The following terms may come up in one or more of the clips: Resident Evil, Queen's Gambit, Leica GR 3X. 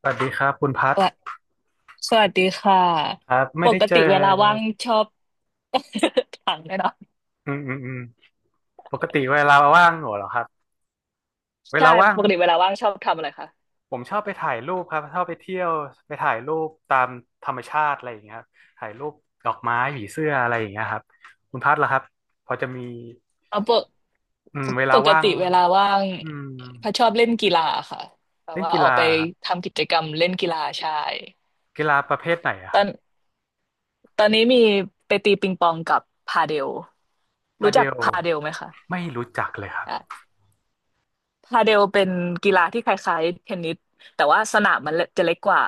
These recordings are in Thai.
สวัสดีครับคุณพัดสวัสสวัสดีค่ะครับปไม่ได้กเจติอเวลาว่างชอบ ถามเลยเนาะอืมปกติเวลาว่างเหรอครับเวใช่ลาว่างปกติเวลาว่างชอบทำอะไรคะผมชอบไปถ่ายรูปครับชอบไปเที่ยวไปถ่ายรูปตามธรรมชาติอะไรอย่างเงี้ยครับถ่ายรูปดอกไม้ผีเสื้ออะไรอย่างเงี้ยครับคุณพัดล่ะครับพอจะมีเอาปกอืมเวลาปกว่างติเวลาว่างอืมพัชชอบเล่นกีฬาค่ะแบบเล่นว่ากีออกฬาไปเหรอครับทำกิจกรรมเล่นกีฬาใช่กีฬาประเภทไหนอะตคอรับนตอนนี้มีไปตีปิงปองกับพาเดลพารู้เดจักลพาเดลไหมคะ ไม่รู้จักเลยครับพาเดลเป็นกีฬาที่คล้ายๆเทนนิสแต่ว่าสนามมันจะเล็กกว่า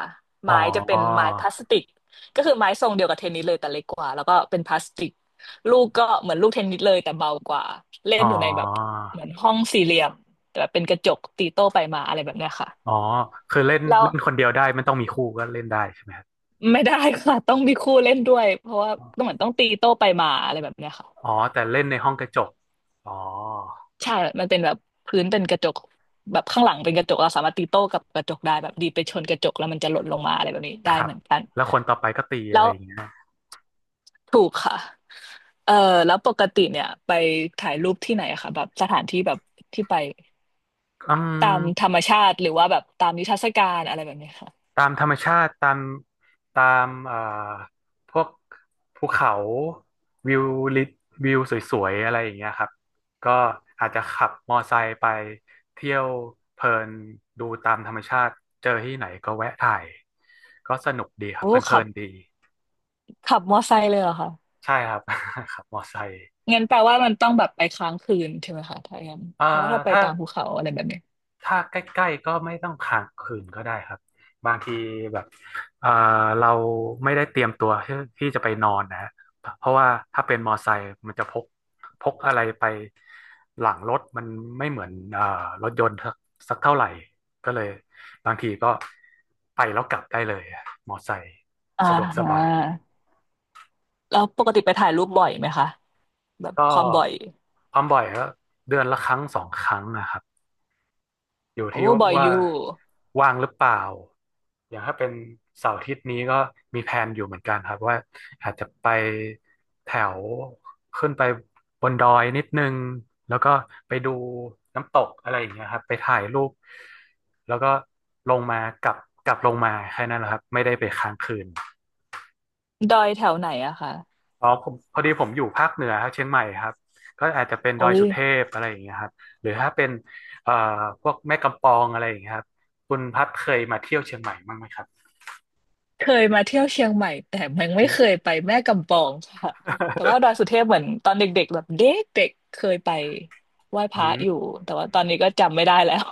อ๋ไม้จะเป็อนไม้พลาสติกก็คือไม้ทรงเดียวกับเทนนิสเลยแต่เล็กกว่าแล้วก็เป็นพลาสติกลูกก็เหมือนลูกเทนนิสเลยแต่เบากว่าเล่อ๋นออยู่ในแบบเหมือนห้องสี่เหลี่ยมแบบเป็นกระจกตีโต้ไปมาอะไรแบบเนี้ยค่ะอ๋อคือเล่นแล้วเล่นคนเดียวได้มันต้องมีคู่ก็เล่นได้ใช่ไหม ไม่ได้ค่ะต้องมีคู่เล่นด้วยเพราะว่าต้องเหมือนต้องตีโต้ไปมาอะไรแบบเนี้ยค่ะ อ๋อแต่เล่นในห้องกระจกอ๋อใช่มันเป็นแบบพื้นเป็นกระจกแบบข้างหลังเป็นกระจกเราสามารถตีโต้กับกระจกได้แบบดีดไปชนกระจกแล้วมันจะหล่นลงมาอะไรแบบนี้คได้รัเหบมือนกันแล้วคนต่อไปก็ตีอะแล้ไรวอย่างเงี้ยถูกค่ะเออแล้วปกติเนี่ยไปถ่ายรูปที่ไหนอะคะแบบสถานที่แบบที่ไปอืตามธรมรมชาติหรือว่าแบบตามนิทรรศการอะไรแบบนี้ค่ะตามธรรมชาติตามตามพวกภูเขาวิวลิวิวสวยๆอะไรอย่างเงี้ยครับก็อาจจะขับมอไซค์ไปเที่ยวเพลินดูตามธรรมชาติเจอที่ไหนก็แวะถ่ายก็สนุกดีครับโอ้เพลิขับนๆดีขับมอไซค์เลยเหรอคะใช่ครับ ขับมอไซค์งั้นแปลว่ามันต้องแบบไปค้างคืนใช่ไหมคะถ้าอย่างนั้นเอ่อเพราะว่าถ้าไปถ้า ตามภูเขาอะไรแบบนี้ถ้าใกล้ๆก็ไม่ต้องค้างคืนก็ได้ครับบางทีแบบเอ่อเราไม่ได้เตรียมตัวที่ที่จะไปนอนนะฮะเพราะว่าถ้าเป็นมอไซค์มันจะพกพกอะไรไปหลังรถมันไม่เหมือนรถยนต์สักสักเท่าไหร่ก็เลยบางทีก็ไปแล้วกลับได้เลยอะมอไซค์อ่าสะดวกสฮะบายแล้วปกติไปถ่ายรูปบ่อยไหมคะแบบก็ความบ่อย ความบ่อยก็เดือนละ 1-2 ครั้งนะครับ อยู่โอ้ที่บ่อยอว่ายู่ว่างหรือเปล่าอย่างถ้าเป็นเสาร์อาทิตย์นี้ก็มีแพลนอยู่เหมือนกันครับว่าอาจจะไปแถวขึ้นไปบนดอยนิดนึงแล้วก็ไปดูน้ำตกอะไรอย่างเงี้ยครับไปถ่ายรูปแล้วก็ลงมากลับกลับลงมาแค่นั้นแหละครับไม่ได้ไปค้างคืน ดอยแถวไหนอะคะอ๋อผมพอดีผมอยู่ภาคเหนือครับเชียงใหม่ครับก็อาจจะเป็นดโอ้อยยสุเทพอะไรอย่างเงี้ยครับหรือถ้าเป็นเอ่อพวกแม่กำปองอะไรอย่างเงี้ยครับคุณพัดเคยมาเที่ยวเชียงใหม่บ้างไหมครับ เคยมาเที่ยวเชียงใหม่แต่ยัง ไม่อืเคยมไปแม่กำปองค่ะแต่ว่าดอยสุเทพเหมือนตอนเด็กๆแบบเด็กๆเคยไปไหว้พอืระมอยู่แต่ว่าตอนนี้ก็จำไม่ได้แล้ว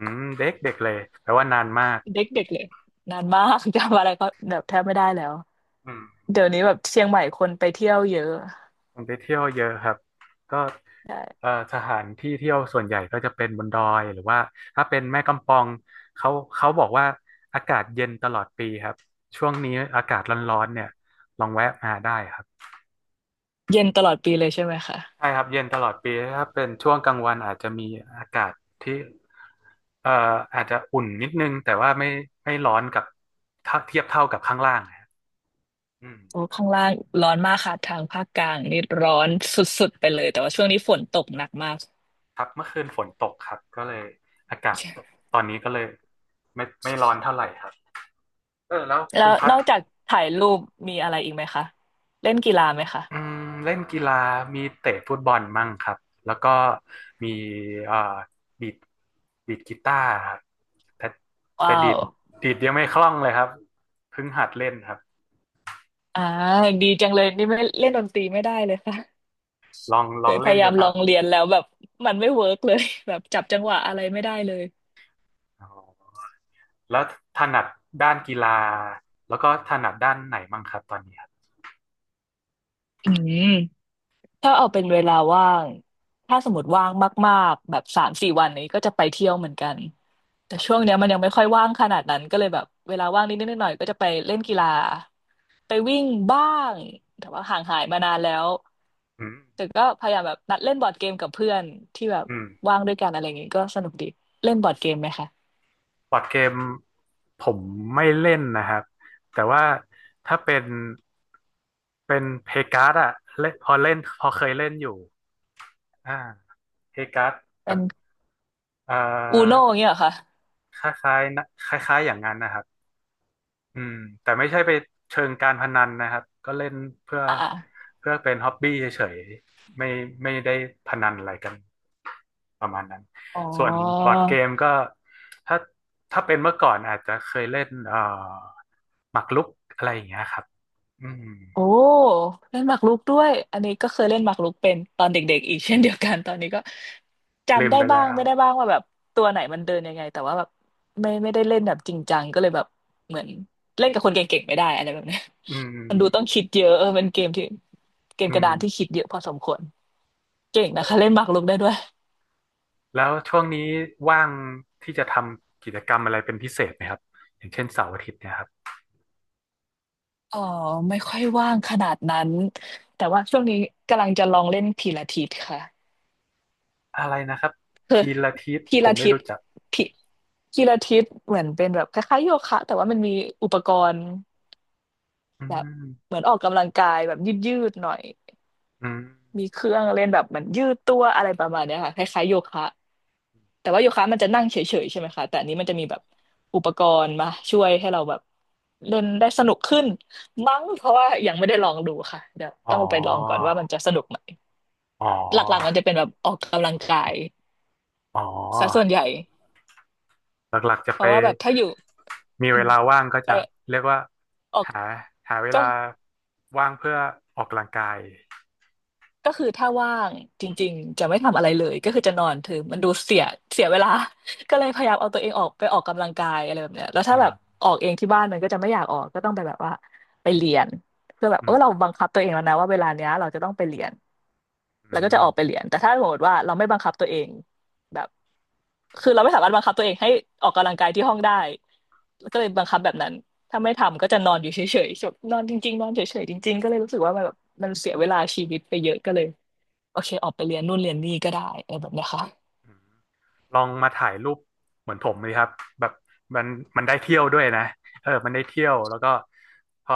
อืมเด็กเด็กเลยแปลว่านานมาก เด็กๆเลยนานมาก จำอะไรก็แบบแทบไม่ได้แล้วอืมเดี๋ยวนี้แบบเชียงใหม่คนไปเที่ยวเยอะผมไปเที่ยวเยอะครับก็ใช่สถานที่เที่ยวส่วนใหญ่ก็จะเป็นบนดอยหรือว่าถ้าเป็นแม่กำปองเขาเขาบอกว่าอากาศเย็นตลอดปีครับช่วงนี้อากาศร้อนๆเนี่ยลองแวะมาได้ครับ เย็นตลอดปีเลยใช่ไหมคะใช่ครับเย็นตลอดปีถ้าเป็นช่วงกลางวันอาจจะมีอากาศที่เอ่ออาจจะอุ่นนิดนึงแต่ว่าไม่ไม่ร้อนกับถ้าเทียบเท่ากับข้างล่างนะครับอืมโอ้ข้างล่างร้อนมากค่ะทางภาคกลางนี่ร้อนสุดๆไปเลยแต่ว่าช่วงนี้ฝนตกหนักมาก ครับเมื่อคืนฝนตกครับก็เลยอากาศตอนนี้ก็เลยไม่ไม่ร้อนเท่าไหร่ครับเออแล้วแล้คุวณพันดอกจากถ่ายรูปมีอะไรอีกไหมคะเล่นกีฬาไหมคะอืมเล่นกีฬามีเตะฟุตบอลมั่งครับแล้วก็มีเอ่อดีดดีดกีตาร์ครับแต่แต่ว้าดีวดดีดยังไม่คล่องเลยครับเพิ่งหัดเล่นครับ อ่าดีจังเลยนี่ไม่เล่นดนตรีไม่ได้เลยค่ะ ลอง ลเคองยพเล่นยายาดูมคลรัอบงเรียนแล้วแบบมันไม่เวิร์กเลย แบบจับจังหวะอะไรไม่ได้เลยอ๋อแล้วถนัดด้านกีฬาแล้วก็ถนัดด้านไหนมั่งครับตอนนี้ครับอืม ถ้าเอาเป็นเวลาว่างถ้าสมมติว่างมากๆแบบสามสี่วันนี้ก็จะไปเที่ยวเหมือนกันแต่ครัช่วงบเนี้ยมันยังไม่ค่อยว่างขนาดนั้นก็เลยแบบเวลาว่างนิดๆหน่อยๆก็จะไปเล่นกีฬาไปวิ่งบ้างแต่ว่าห่างหายมานานแล้วอืมแต่ก็พยายามแบบนัดเล่นบอร์ดเกมกับเพื่อนที่แบบอืมว่างด้วยกันอะไรอย่างงี้ก็สนุกดีเล่นบอร์ดเกมไหมคะบอร์ดเกมผมไม่เล่นนะครับ แต่ว่าถ้าเป็นเป็นเพการ์ดอะเล่นพอเล่นพอเคยเล่นอยู่อ่าเพการ์ดแบเป็บนเอ่อูโน่อเงี้ยเหรอคะคล้ายๆนะคล้ายๆอย่างนั้นนะครับ อืมแต่ไม่ใช่ไปเชิงการพนันนะครับก็เล่นเพื่ออ่าเพื่อเป็นฮ็อบบี้เฉยๆไม่ไม่ได้พนันอะไรกันประมาณนั้นๆอ๋อ ส่วนบอร์ดเกมก็ถ้าถ้าเป็นเมื่อก่อนอาจจะเคยเล่นหมากรุกอะไรอย่างเงี้ยครับอืมโอ้เล่นหมากรุกด้วยอันนี้ก็เคยเล่นหมากรุกเป็นตอนเด็กๆอีกเช่นเดียวกันตอนนี้ก็ลืจำมได้ไปบ้าแล้งวไม่ได้บ้างว่าแบบตัวไหนมันเดินยังไงแต่ว่าแบบไม่ได้เล่นแบบจริงจังก็เลยแบบเหมือนเล่นกับคนเก่งๆไม่ได้อะไรแบบเนี้ยอืมันดูต้อมงคิดเยอะเออเป็นเกมที่เกมอืกระมดานที่คิดเยอะพอสมควรเก่งนะแล้วคะเล่นหมากรุกได้ด้วยแล้วช่วงนี้ว่างที่จะทำกิจกรรมอะไรเป็นพิเศษไหมครับอย่างเช่นเสาร์อาทิตย์เนี่ยครับอ๋อไม่ค่อยว่างขนาดนั้นแต่ว่าช่วงนี้กำลังจะลองเล่นพิลาทิสค่ะ อะไรนะครับ คือทีละทิศพีผลามไม่ทิสรู้จักพีพีลาทิสเหมือนเป็นแบบคล้ายๆโยคะแต่ว่ามันมีอุปกรณ์อืแบบม เหมือนออกกำลังกายแบบยืดๆหน่อยอืมมีเครื่องเล่นแบบเหมือนยืดตัวอะไรประมาณเนี้ยค่ะคล้ายๆโยคะแต่ว่าโยคะมันจะนั่งเฉยๆใช่ไหมคะแต่อันนี้มันจะมีแบบอุปกรณ์มาช่วยให้เราแบบเล่นได้สนุกขึ้นมั้งเพราะว่ายังไม่ได้ลองดูค่ะเดี๋ยวอ๋อต้องไปลองก่อนว่ามันจะสนุกไหมอ๋อหลักๆมันจะเป็นแบบออกกำลังกายอ๋อ ซะส่วนใหญ่หลักๆจะเพไปราะว่าแบบถ้าอยู่ มีอืเวมลาว่างก็ไปจะเรียกว่าออกหาหาเวก็ลาว่างเพื่อออกกำลังกายก็คือถ้าว่างจริงๆจะไม่ทำอะไรเลยก็คือจะนอนถือมันดูเสียเสียเวลา ก็เลยพยายามเอาตัวเองออกไปออกกำลังกายอะไรแบบเนี้ยแล้วถ้าอืมแบบออกเองที่บ้านมันก็จะไม่อยากออกก็ต้องไปแบบว่าไปเรียนเพื่อแบบอืเออมเราบังคับตัวเองแล้วนะว่าเวลาเนี้ยเราจะต้องไปเรียน อืแล้วก็จะมออกไปเรียน แต่ถ้าสมมติว่าเราไม่บังคับตัวเองแบบ คือเราไม่สามารถบังคับตัวเองให้ออกกำลังกายที่ห้องได้แล้วก็เลยบังคับแบบนั้นถ้าไม่ทำก็จะนอนอยู่เฉยๆจบนอนจริงๆนอนเฉยๆจริงๆก็เลยรู้สึกว่ามันแบบมันเสียเวลาชีวิตไปเยอะก็เลยโอเคออกไปเรียนนู่นเรียนนี่ก็ได้อแบบเนี้ยค่ะอืมลองมาถ่ายรูปเหมือนผมเลยครับแบบมันมันได้เที่ยวด้วยนะเออมันได้เที่ยวแล้วก็พอ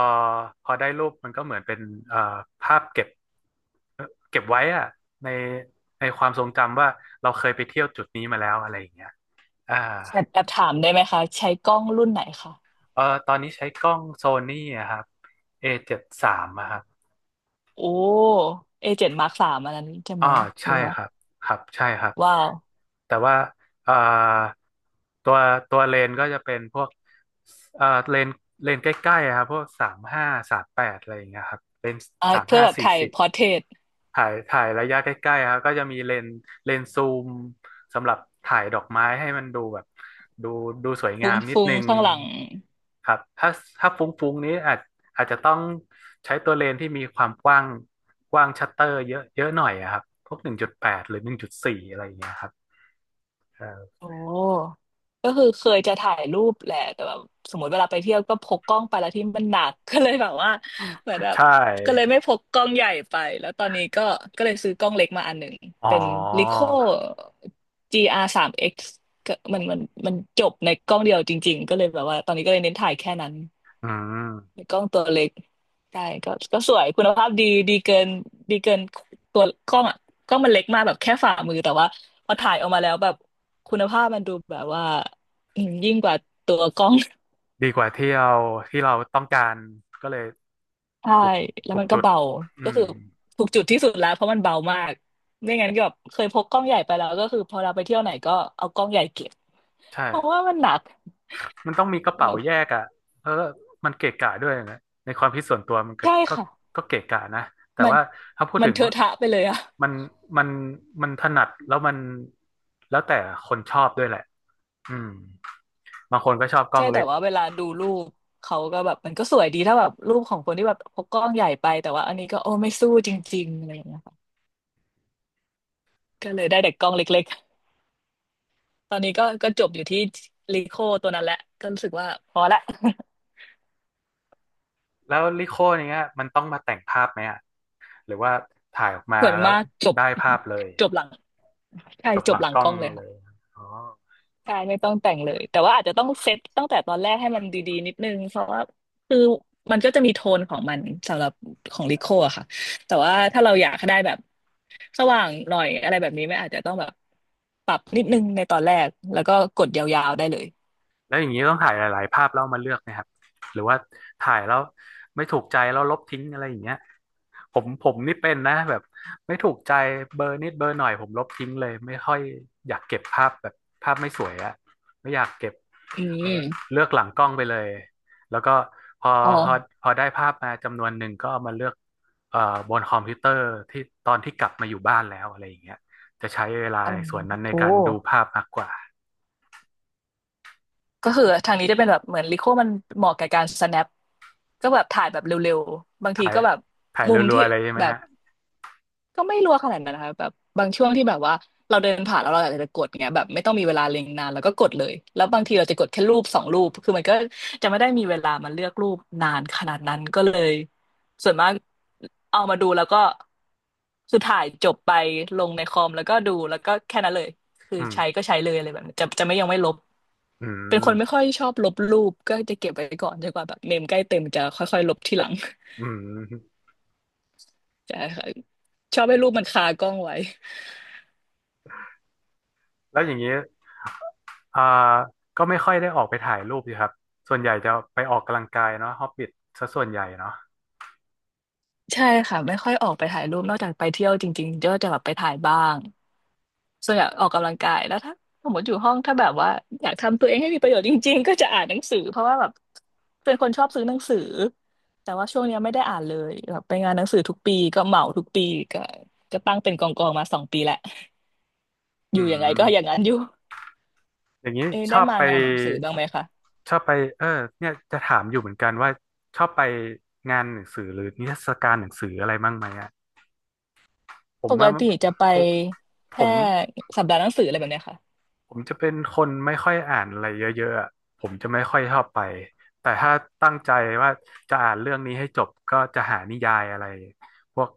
พอได้รูปมันก็เหมือนเป็นเอ่อภาพเก็บเอ่อเก็บไว้อะในในความทรงจำว่าเราเคยไปเที่ยวจุดนี้มาแล้วอะไรอย่างเงี้ย อ่าแอบแอบถามได้ไหมคะใช้กล้องรุ่นไหนคะเออตอนนี้ใช้กล้องโซนี่อะครับ A73 อเจ็ดสามอะครับโอ้เอเจ็ดมาร์คสามอันนั้นใช่อ๋ไหอมหรืใช่อว่าครับครับใช่ครับ ว้าวแต่ว่าเอ่อตัวตัวเลนก็จะเป็นพวกเลนเลนใกล้ๆอะครับพวกสามห้า38อะไรอย่างเงี้ยครับเป็นอ่ะสามเพื่อห้าแบบสี่ถ่ายสิบ พอร์เทรตถ่ายถ่ายระยะใกล้ๆครับก็จะมีเลนส์เลนส์ซูมสำหรับถ่ายดอกไม้ให้มันดูแบบดูดูสวยฟงามนิดุ้งนึงๆข้างหลัง ครับถ้าฟุ้งๆนี้อาจจะต้องใช้ตัวเลนส์ที่มีความกว้างชัตเตอร์เยอะเยอะหน่อยอะครับพวกหนึ่งจุดแปดหรือหนึ่งจุดสี่อะไรอย่างเงี้ยครับเออโอ้ก็คือเคยจะถ่ายรูปแหละแต่แบบสมมติเวลาไปเที่ยวก็พกกล้องไปแล้วที่มันหนัก ก็เลยแบบว่าเหมือนแบใชบก็เลย่ไม่พกกล้องใหญ่ไปแล้วตอนนี้ก็ก็เลยซื้อกล้องเล็กมาอันหนึ่งอ๋อเป็น Leica จีอาริโอ GR 3X ก็มันจบในกล้องเดียวจริงๆก็เลยแบบว่าตอนนี้ก็เลยเน้นถ่ายแค่นั้นอืในมกล้องตัวเล็กใช่ก็ก็สวยคุณภาพดีดีเกินดีเกินตัวกล้องอ่ะกล้องมันเล็กมากแบบแค่ฝ่ามือแต่ว่าพอถ่ายออกมาแล้วแบบ คุณภาพมันดูแบบว่ายิ่งกว่าตัวกล้อง ดีกว่าที่เราที่เราต้องการก็เลยใช่ถูกแล้วถูกมันก็จุดเบาอืก็มคือถูกจุดที่สุดแล้วเพราะมันเบามากไม่งั้นก็แบบเคยพกกล้องใหญ่ไปแล้วก็คือพอเราไปเที่ยวไหนก็เอากล้องใหญ่เก็บใช่ เพราะว่ามันหนักมันต้องมีกระเป๋าแยกอ่ะเออมันเกะกะด้วยนะในความคิดส่วนตัวมันก็ใช่ก็ค่ะก็เกะกะนะแต่มันว่าถ้าพูดมันถึงเทอะว่าทะไปเลยอะมันมันมันถนัดแล้วมันแล้วแต่คนชอบด้วยแหละอืมบางคนก็ชอบกล้อใช่งแต่เล็ก ว่าเวลาดูรูปเขาก็แบบมันก็สวยดีถ้าแบบรูปของคนที่แบบพกกล้องใหญ่ไปแต่ว่าอันนี้ก็โอ้ไม่สู้จริงๆอะไรอย่างเงี้ยค่ะก็เลยได้แต่กล้องเล็ก ตอนนี้ก็ก็จบอยู่ที่ลีโคตัวนั้นแหละก็รู้สึกว่าพอละ แล้วลิโคเนี้ยมันต้องมาแต่งภาพไหมอ่ะหรือว่าถ่ายออก มาส่วนแล้วมากจบได้ภาพเลยจบหลังใช่จบจหบลังหลังกล้กองล้องเลยเลค่ะยอ๋อ ใช่ไม่ต้องแต่งเลยแต่ว่าอาจจะต้องเซตตั้งแต่ตอนแรกให้มันดีๆนิดนึงเพราะว่าคือมันก็จะมีโทนของมันสำหรับของลิโคอะค่ะแต่ว่าถ้าเราอยากให้ได้แบบสว่างหน่อยอะไรแบบนี้ไม่อาจจะต้องแบบปรับนิดนึงในตอนแรกแล้วก็กดยาวๆได้เลยแล้วอย่างนี้ต้องถ่ายหลาย ๆ ภาพแล้วเอามาเลือกนะครับหรือว่าถ่ายแล้วไม่ถูกใจแล้วลบทิ้งอะไรอย่างเงี้ยผมนี่เป็นนะแบบไม่ถูกใจเบอร์นิดเบอร์หน่อยผมลบทิ้งเลยไม่ค่อยอยากเก็บภาพแบบภาพไม่สวยอะไม่อยากเก็บอืเออมเลือกหลังกล้องไปเลยแล้วก็พออ๋อพอพอได้ภาพมาจำนวนหนึ่งก็เอามาเลือกเอ่อบนคอมพิวเตอร์ที่ตอนที่กลับมาอยู่บ้านแล้วอะไรอย่างเงี้ยจะใช้เวลาอ๋อในส่วนนั้นในโอ้ การดูภาพมากกว่า ก็คือทางนี้จะเป็นแบบเหมือนลิโคมันเหมาะกับการ snap ก็แบบถ่ายแบบเร็วๆบางทีถ่ายก็แบบถ่ายมุมรัวที่ๆเลยใช่ไหมแบบฮะก็ไม่รัวขนาดนั้นนะคะแบบบางช่วงที่แบบว่าเราเดินผ่านแล้วเราอยากจะกดเงี้ยแบบไม่ต้องมีเวลาเล็งนานแล้วก็กดเลยแล้วบางทีเราจะกดแค่รูปสองรูปคือมันก็จะไม่ได้มีเวลามาเลือกรูปนานขนาดนั้นก็เลยส่วนมากเอามาดูแล้วก็คือถ่ายจบไปลงในคอมแล้วก็ดูแล้วก็แค่นั้นเลย คืออืมใช้ก็ใช้เลยอะไรแบบนี้จะไม่ยังไม่ลบ อืเป็นคนไม่มค่อยชอบลบรูปก็จะเก็บไว้ก่อนจนกว่าแบบเมมใกล้เต็มจะค่อยๆลบทีหลัง อืม ใช่ค่ะชอบให้รูปมันคากล้องไว้แล้วอย่างนี้ อ่าก็ไม่ค่อยได้ออกไปถ่ายรูปสิครับ ส่วนใหญ่จะไปออกกำลังกายเนาะฮอบบิทซะส่วนใหญ่เนาะใช่ค่ะไม่ค่อยออกไปถ่ายรูปนอกจากไปเที่ยวจริงๆก็จะแบบไปถ่ายบ้างส่วนใหญ่ออกกำลังกายแล้วถ้าสมมติอยู่ห้องถ้าแบบว่าอยากทำตัวเองให้มีประโยชน์จริงๆก็จะอ่านหนังสือเพราะว่าแบบเป็นคนชอบซื้อหนังสือแต่ว่าช่วงเนี้ยไม่ได้อ่านเลยแบบไปงานหนังสือทุกปีก็เหมาทุกปีก็ก็ตั้งเป็นกองกองมาสองปีแหละ ออืยู่ยังไงก็อย่างมนั้นอยู่ อย่างนี้เอยชได้อบมาไป งานหนังสือบ้างไหมคะชอบไปเออเนี่ยจะถามอยู่เหมือนกันว่าชอบไปงานหนังสือหรือนิทรรศการหนังสืออะไรบ้างไหมอ่ะผปมกว่าติจะไปผมผแค่ม สัปดาห์หนังสืออะไรแบบเนี้ยค่ะผมจะเป็นคนไม่ค่อยอ่านอะไรเยอะๆอะผมจะไม่ค่อยชอบไปแต่ถ้าตั้งใจว่าจะอ่านเรื่องนี้ให้จบก็จะหานิยายอะไรพวก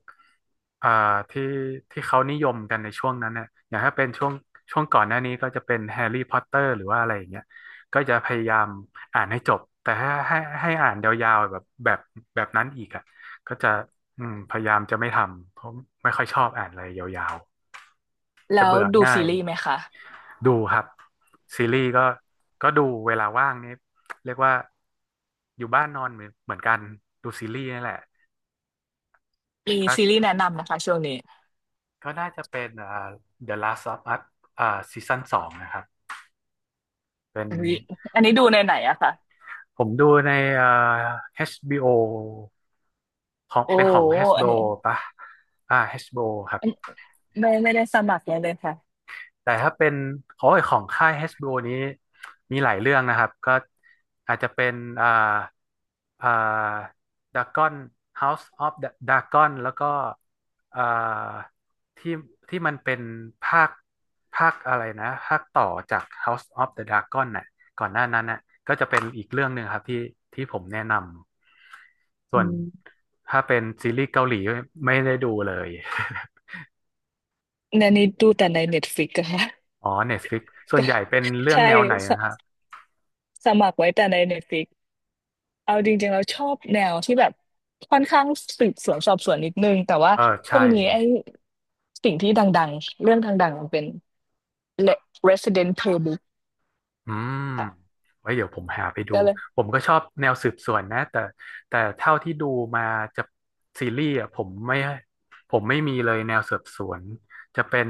อ่าที่ที่เขานิยมกันในช่วงนั้นเนี่ยอย่างถ้าเป็นช่วงก่อนหน้านี้ก็จะเป็นแฮร์รี่พอตเตอร์หรือว่าอะไรอย่างเงี้ยก็จะพยายามอ่านให้จบแต่ถ้าให้อ่านยาวๆแบบแบบแบบนั้นอีกอ่ะก็จะอืมพยายามจะไม่ทำเพราะไม่ค่อยชอบอ่านอะไรยาวๆจะแล้วเบื่อดูง่าซีย รีส์ไหมคะดูครับซีรีส์ก็ก็ดูเวลาว่างนี่เรียกว่าอยู่บ้านนอนเหมือนกันดูซีรีส์นี่แหละมีถ้าซีรีส์แนะนำนะคะช่วงนี้ก็น่าจะเป็นThe Last of Us อ่าซีซั่นสองนะครับเป็นอันนี้อันนี้ดูในไหนอะคะผมดูในอ่า HBO ของโอ้เป็นของ โหอัน HBO นี้ปะอ่า HBO ครับ อันไม่ไม่ได้สมัครเลยเลยค่ะแต่ถ้าเป็นโอ้ยของค่าย HBO นี้มีหลายเรื่องนะครับก็อาจจะเป็นอ่าอ่า Dragon House of the Dragon แล้วก็อ่าที่ที่มันเป็นภาคภาคอะไรนะภาคต่อจาก House of the Dragon น่ะก่อนหน้านั้นน่ะก็จะเป็นอีกเรื่องหนึ่งครับที่ที่ผมแนะนำส่อืวนมถ้าเป็นซีรีส์เกาหลีไม่ได้ดูเลย ในนี้ดูแต่ในเน็ตฟลิกอะค่ะ อ๋อ Netflix ส่วนใหญ่เป็นเรื่ องใช่แนวไหนนะครับ สสมัครไว้แต่ในเน็ตฟลิก เอาจริงๆเราชอบแนวที่แบบค่อนข้างสืบสวนสอบสวนนิดนึงแต่ว่าเออช่วใช่งนี้ไอ้สิ่งที่ดังๆเรื่องดังๆมันเป็น e Resident Playbook อืมค่ะไว้เดี๋ยวผมหาไปดู ก็เลยผมก็ชอบแนวสืบสวนนะแต่แต่เท่าที่ดูมาจะซีรีส์อ่ะผมไม่มีเลยแนวสืบสวนจะเป็น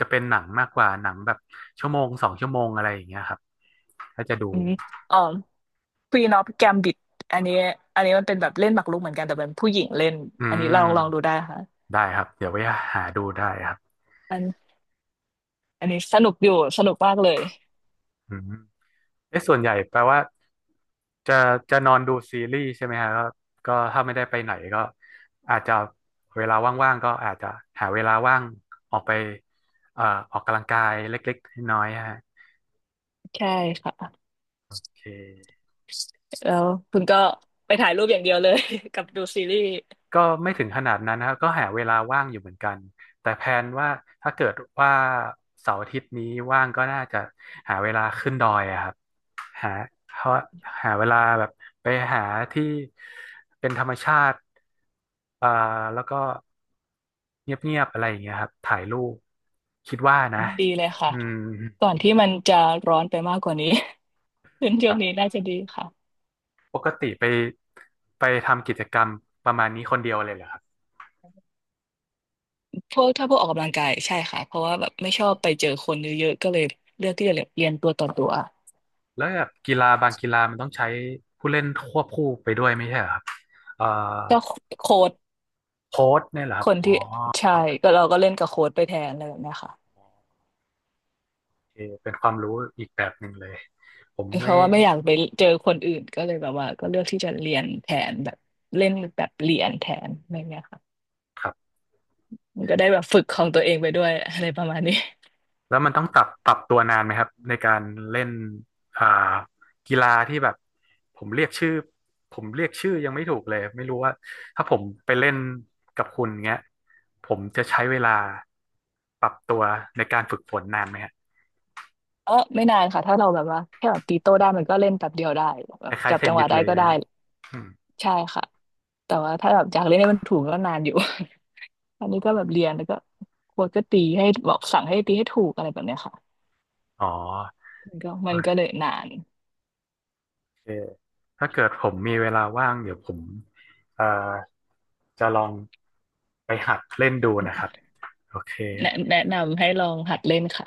จะเป็นหนังมากกว่าหนังแบบชั่วโมงสองชั่วโมงอะไรอย่างเงี้ยครับถ้าจะดูอืมอ๋อ Queen of Gambit อันนี้อันนี้มันเป็นแบบเล่นหมากรุกเหมือนกันแต่เป็นผู้หญิงเล่นอือันนี้ลองดูมได้ค่ะได้ครับเดี๋ยวไว้หาดูได้ครับอันอันนี้สนุกอยู่สนุกมากเลยอืม เอ๊ะส่วนใหญ่แปลว่าจะจะนอนดูซีรีส์ใช่ไหมฮะก็ก็ถ้าไม่ได้ไปไหนก็อาจจะเวลาว่างๆก็อาจจะหาเวลาว่างออกไปเอ่อออกกำลังกายเล็กๆน้อยๆฮะใช่ค่ะโอเคแล้วคุณก็ไปถ่ายรูปอย่างเดียวเลย กับดูซีรีส์ก็ไม่ถึงขนาดนั้นนะครับก็หาเวลาว่างอยู่เหมือนกันแต่แพลนว่าถ้าเกิดว่าเสาร์อาทิตย์นี้ว่างก็น่าจะหาเวลาขึ้นดอยอะครับ หาหาหาเวลาแบบไปหาที่เป็นธรรมชาติอ่าแล้วก็เงียบๆอะไรอย่างเงี้ยครับถ่ายรูปคิดว่านะดีเลยค่ะอืมก่อนที่มันจะร้อนไปมากกว่านี้ เป็นช่ควงรับนี้น่าจะดีค่ะปกติไปทำกิจกรรมประมาณนี้คนเดียวเลยเหรอครับพวกถ้าพวกออกกำลังกายใช่ค่ะเพราะว่าแบบไม่ชอบไปเจอคนเยอะๆก็เลยเลือกที่จะเรียนตัวต่อตัวแล้วแบบกีฬาบางกีฬามันต้องใช้ผู้เล่นควบคู่ไปด้วยไม่ใช่เหรอครับเอ่อก็โค้ชโค้ชเนี่ยเหรอคครับนอ๋อที่ใช่ก็เราก็เล่นกับโค้ชไปแทนอะไรแบบเนี้ยค่ะโอเคเป็นความรู้อีกแบบหนึ่งเลยผมเพไม่ราะว่าไม่อยากไปเจอคนอื่นก็เลยแบบว่าก็เลือกที่จะเรียนแทนแบบเล่นแบบเรียนแทนอะไรเงี้ยค่ะครับ มันก็ได้แบบฝึกของตัวเองไปด้วยอะไรประมาณนี้ แล้วมันต้องปรับตัวนานไหมครับในการเล่นอ่ากีฬาที่แบบผมเรียกชื่อผมเรียกชื่อยังไม่ถูกเลยไม่รู้ว่าถ้าผมไปเล่นกับคุณเงี้ยผมจะใช้เวลาปรับตัวในการฝึกฝนนานไหมฮะ เออไม่นานค่ะถ้าเราแบบว่าแค่แบบตีโต้ได้มันก็เล่นแบบเดียวได้แบคบล้ายจัๆบเทจันงหนิวะสได้เลยก็นะได้ ฮะอืมใช่ค่ะแต่ว่าถ้าแบบอยากเล่นให้มันถูกก็นานอยู่ อันนี้ก็แบบเรียนแล้วก็โค้ชก็ตีให้บอกสั่งให้ตีให้ถูกอะไรแบบเนี้ยค่ะอ๋อมันก็มันโอก็เลยนานเคถ้าเกิดผมมีเวลาว่างเดี๋ยวผมเอ่อจะลองไปหัดเล่นดูนะครับโอเค แนะนำให้ลองหัดเล่นค่ะ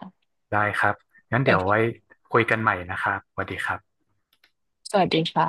ได้ครับ งั้นโอเดี๋ยวไว้เคคุยกันใหม่นะครับสวัสดีครับสวัสดีค่ะ